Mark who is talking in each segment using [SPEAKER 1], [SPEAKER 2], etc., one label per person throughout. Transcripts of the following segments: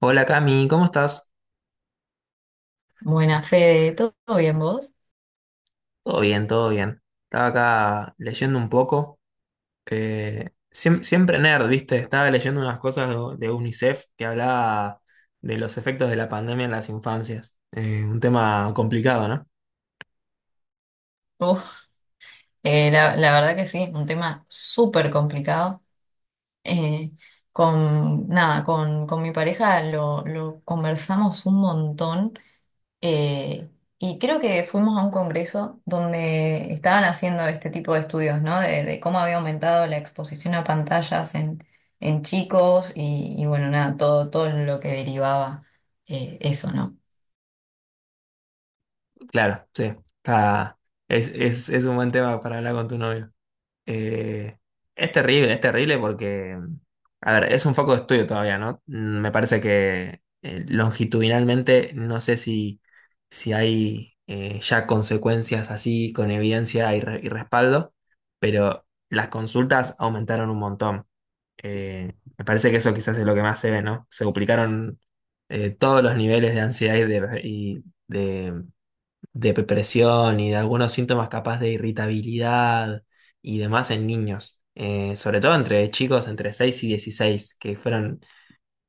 [SPEAKER 1] Hola Cami, ¿cómo estás?
[SPEAKER 2] Buena Fede, ¿todo bien vos?
[SPEAKER 1] Todo bien, todo bien. Estaba acá leyendo un poco. Siempre nerd, ¿viste? Estaba leyendo unas cosas de UNICEF que hablaba de los efectos de la pandemia en las infancias. Un tema complicado, ¿no?
[SPEAKER 2] Uf, la verdad que sí, un tema súper complicado. Eh, con nada, con mi pareja lo conversamos un montón eh, y creo que fuimos a un congreso donde estaban haciendo este tipo de estudios, ¿no? De cómo había aumentado la exposición a pantallas en chicos y bueno, nada, todo lo que derivaba eso, ¿no?
[SPEAKER 1] Claro, sí. Está, es un buen tema para hablar con tu novio. Eh, es terrible, es terrible porque, a ver, es un foco de estudio todavía, ¿no? Mm, me parece que longitudinalmente no sé si, si hay ya consecuencias así con evidencia y respaldo, pero las consultas aumentaron un montón. Me parece que eso quizás es lo que más se ve, ¿no? Se duplicaron todos los niveles de ansiedad y de, de depresión y de algunos síntomas capaz de irritabilidad y demás en niños. Sobre todo entre chicos entre 6 y 16 que fueron,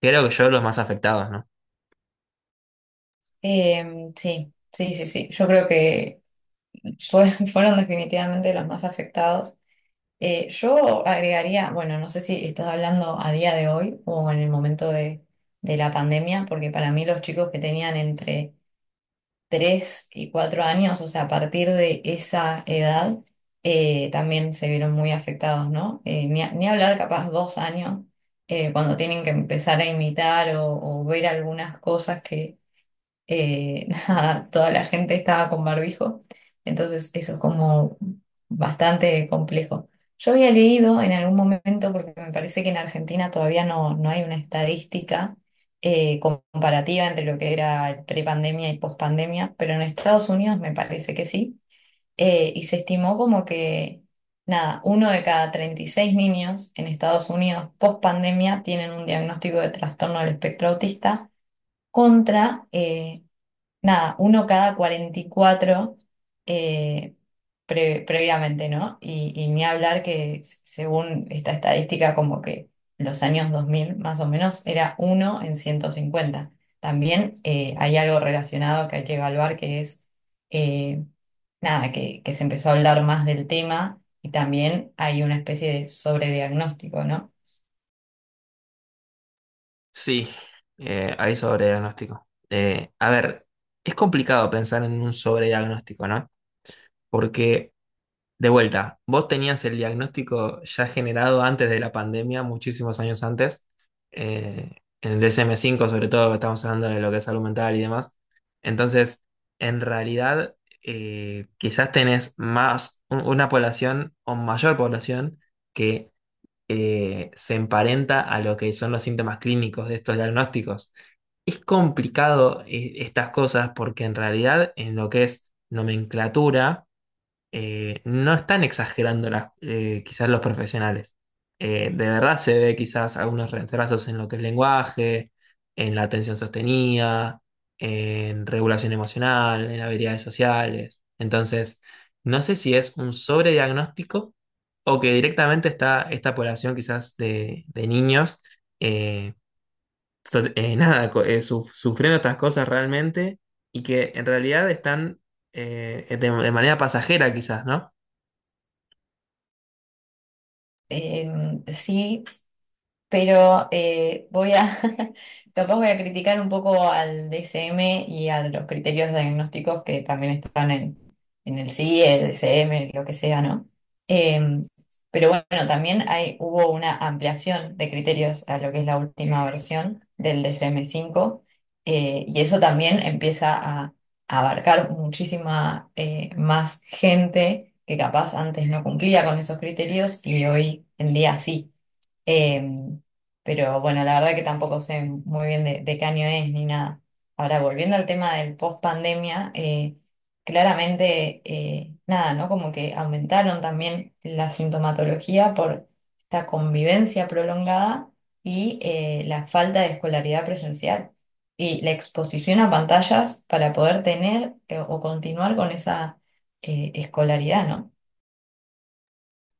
[SPEAKER 1] creo que yo, los más afectados, ¿no?
[SPEAKER 2] Sí, sí, sí, sí. Yo creo que fueron definitivamente los más afectados. Yo agregaría, bueno, no sé si estás hablando a día de hoy o en el momento de la pandemia, porque para mí los chicos que tenían entre 3 y 4 años, o sea, a partir de esa edad, también se vieron muy afectados, ¿no? Ni hablar capaz 2 años, cuando tienen que empezar a imitar o ver algunas cosas que nada, toda la gente estaba con barbijo, entonces eso es como bastante complejo. Yo había leído en algún momento, porque me parece que en Argentina todavía no hay una estadística comparativa entre lo que era prepandemia y pospandemia, pero en Estados Unidos me parece que sí, y se estimó como que, nada, uno de cada 36 niños en Estados Unidos pospandemia tienen un diagnóstico de trastorno del espectro autista contra nada, uno cada 44 eh, previamente, ¿no? Y ni hablar que según esta estadística, como que los años 2000 más o menos era uno en 150. También hay algo relacionado que hay que evaluar que es, eh, nada, que se empezó a hablar más del tema y también hay una especie de sobrediagnóstico, ¿no?
[SPEAKER 1] Sí, hay sobrediagnóstico. A ver, es complicado pensar en un sobrediagnóstico, ¿no? Porque, de vuelta, vos tenías el diagnóstico ya generado antes de la pandemia, muchísimos años antes, eh, en el DSM 5, sobre todo, que estamos hablando de lo que es salud mental y demás. Entonces, en realidad, quizás tenés más, una población o mayor población que se emparenta a lo que son los síntomas clínicos de estos diagnósticos. Es complicado, estas cosas porque en realidad en lo que es nomenclatura, no están exagerando quizás los profesionales. De verdad se ve quizás algunos retrasos en lo que es lenguaje, en la atención sostenida, en regulación emocional, en habilidades sociales. Entonces, no sé si es un sobrediagnóstico o que directamente está esta población quizás de niños, eh, nada, sufriendo estas cosas realmente y que en realidad están de manera pasajera quizás, ¿no?
[SPEAKER 2] Eh, sí. Pero capaz voy a criticar un poco al DSM y a los criterios diagnósticos que también están en el CIE, el DSM, lo que sea, ¿no? Eh, pero bueno, también hubo una ampliación de criterios a lo que es la última versión del DSM-5 y eso también empieza a abarcar muchísima más gente que capaz antes no cumplía con esos criterios y hoy en día sí. Em, pero bueno, la verdad que tampoco sé muy bien de qué año es ni nada. Ahora, volviendo al tema del post pandemia, claramente, nada, ¿no? Como que aumentaron también la sintomatología por esta convivencia prolongada y la falta de escolaridad presencial y la exposición a pantallas para poder tener o continuar con esa escolaridad, ¿no?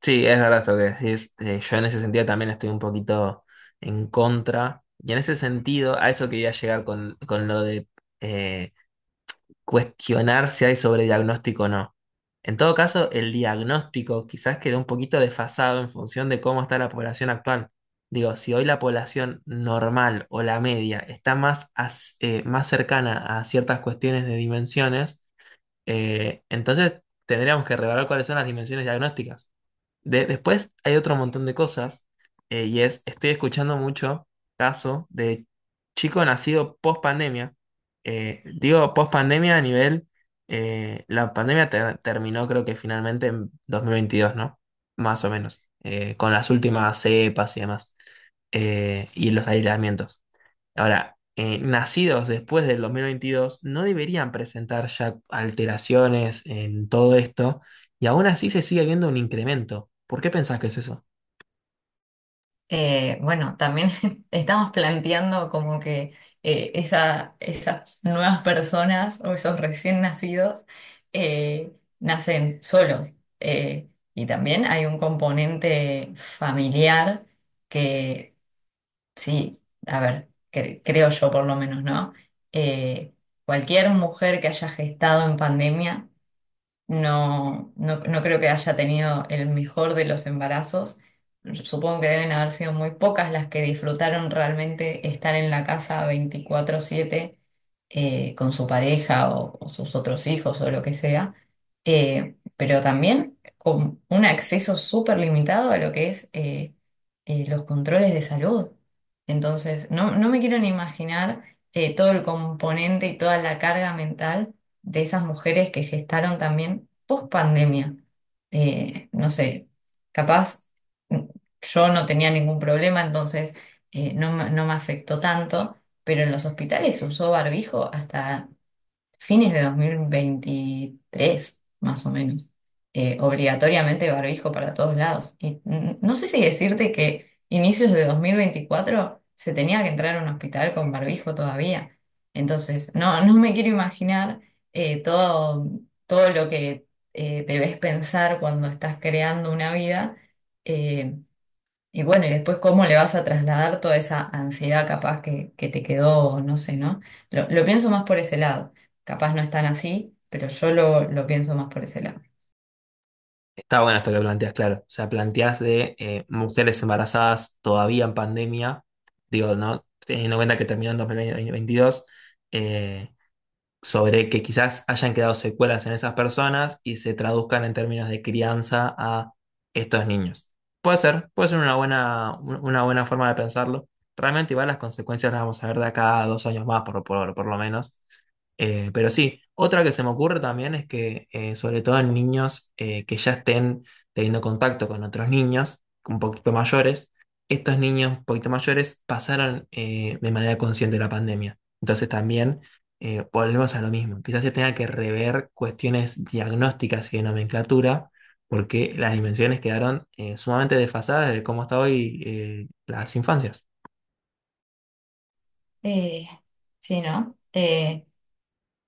[SPEAKER 1] Sí, es verdad esto que decís. Yo en ese sentido también estoy un poquito en contra. Y en ese sentido, a eso quería llegar con lo de eh, cuestionar si hay sobrediagnóstico o no. En todo caso, el diagnóstico quizás quedó un poquito desfasado en función de cómo está la población actual. Digo, si hoy la población normal o la media está más cercana a ciertas cuestiones de dimensiones, entonces tendríamos que revelar cuáles son las dimensiones diagnósticas. Después hay otro montón de cosas, y es, estoy escuchando mucho caso de chico nacido post pandemia. Digo post pandemia a nivel, la pandemia terminó creo que finalmente en 2022, ¿no? Más o menos, con las últimas cepas y demás, y los aislamientos. Ahora, nacidos después del 2022 no deberían presentar ya alteraciones en todo esto y aún así se sigue viendo un incremento. ¿Por qué pensás que es eso?
[SPEAKER 2] Bueno, también estamos planteando como que esas nuevas personas o esos recién nacidos eh, nacen solos. Eh, y también hay un componente familiar que, sí, a ver, creo yo por lo menos, ¿no? Eh, cualquier mujer que haya gestado en pandemia no creo que haya tenido el mejor de los embarazos. Supongo que deben haber sido muy pocas las que disfrutaron realmente estar en la casa 24/7 con su pareja o sus otros hijos o lo que sea. Pero también con un acceso súper limitado a lo que es los controles de salud. Entonces, no me quiero ni imaginar todo el componente y toda la carga mental de esas mujeres que gestaron también post pandemia. No sé, capaz mm, yo no tenía ningún problema, entonces no me afectó tanto, pero en los hospitales se usó barbijo hasta fines de 2023 más o menos. Obligatoriamente barbijo para todos lados. Y no sé si decirte que inicios de 2024 se tenía que entrar a un hospital con barbijo todavía. Entonces, no me quiero imaginar eh, todo, todo lo que debes pensar cuando estás creando una vida. eh, y bueno, y después cómo le vas a trasladar toda esa ansiedad capaz que te quedó, no sé, ¿no? Lo pienso más por ese lado. Capaz no es tan así, pero yo lo pienso más por ese lado.
[SPEAKER 1] Está bueno esto que planteas, claro. O sea, planteas de mujeres embarazadas todavía en pandemia, digo, ¿no? Teniendo en cuenta que terminó en 2022, sobre que quizás hayan quedado secuelas en esas personas y se traduzcan en términos de crianza a estos niños. Puede ser una buena forma de pensarlo. Realmente igual las consecuencias las vamos a ver de acá a dos años más, por lo menos. Pero sí, otra que se me ocurre también es que, sobre todo en niños que ya estén teniendo contacto con otros niños un poquito mayores, estos niños un poquito mayores pasaron de manera consciente la pandemia. Entonces también volvemos a lo mismo. Quizás se tenga que rever cuestiones diagnósticas y de nomenclatura, porque las dimensiones quedaron sumamente desfasadas de cómo está hoy las infancias.
[SPEAKER 2] Eh, sí, ¿no? Eh,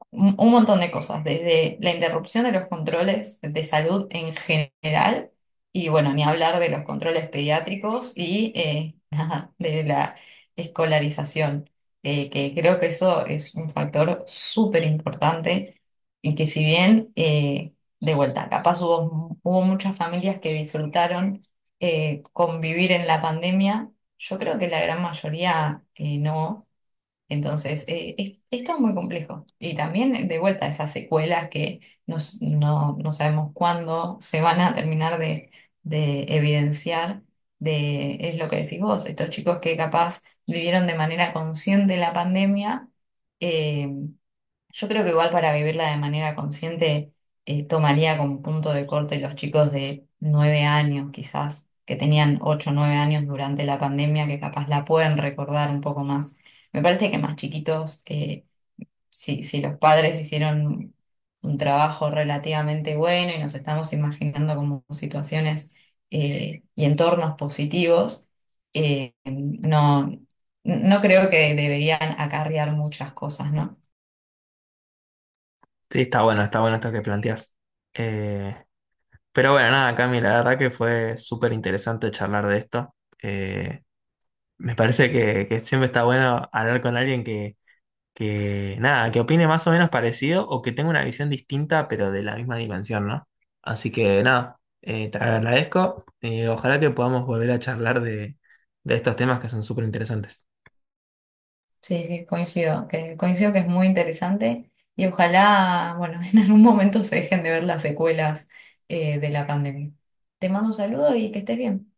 [SPEAKER 2] un un montón de cosas, desde la interrupción de los controles de salud en general, y bueno, ni hablar de los controles pediátricos y nada, de la escolarización, que creo que eso es un factor súper importante y que si bien, de vuelta, capaz hubo muchas familias que disfrutaron convivir en la pandemia, yo creo que la gran mayoría no. Entonces, es todo muy complejo. Y también, de vuelta, esas secuelas que no sabemos cuándo se van a terminar de evidenciar, es lo que decís vos, estos chicos que capaz vivieron de manera consciente la pandemia, eh, yo creo que igual para vivirla de manera consciente tomaría como punto de corte los chicos de 9 años quizás, que tenían 8 o 9 años durante la pandemia, que capaz la pueden recordar un poco más. Me parece que más chiquitos, si los padres hicieron un trabajo relativamente bueno y nos estamos imaginando como situaciones y entornos positivos, eh, no, no creo que deberían acarrear muchas cosas, ¿no?
[SPEAKER 1] Sí, está bueno esto que planteas. Eh, pero bueno, nada, Cami, la verdad que fue súper interesante charlar de esto. Eh, me parece que siempre está bueno hablar con alguien que nada, que opine más o menos parecido o que tenga una visión distinta, pero de la misma dimensión, ¿no? Así que nada, te agradezco. Ojalá que podamos volver a charlar de estos temas que son súper interesantes.
[SPEAKER 2] Sí, sí, coincido que es muy interesante y ojalá, bueno, en algún momento se dejen de ver las secuelas de la pandemia. Te mando un saludo y que estés bien.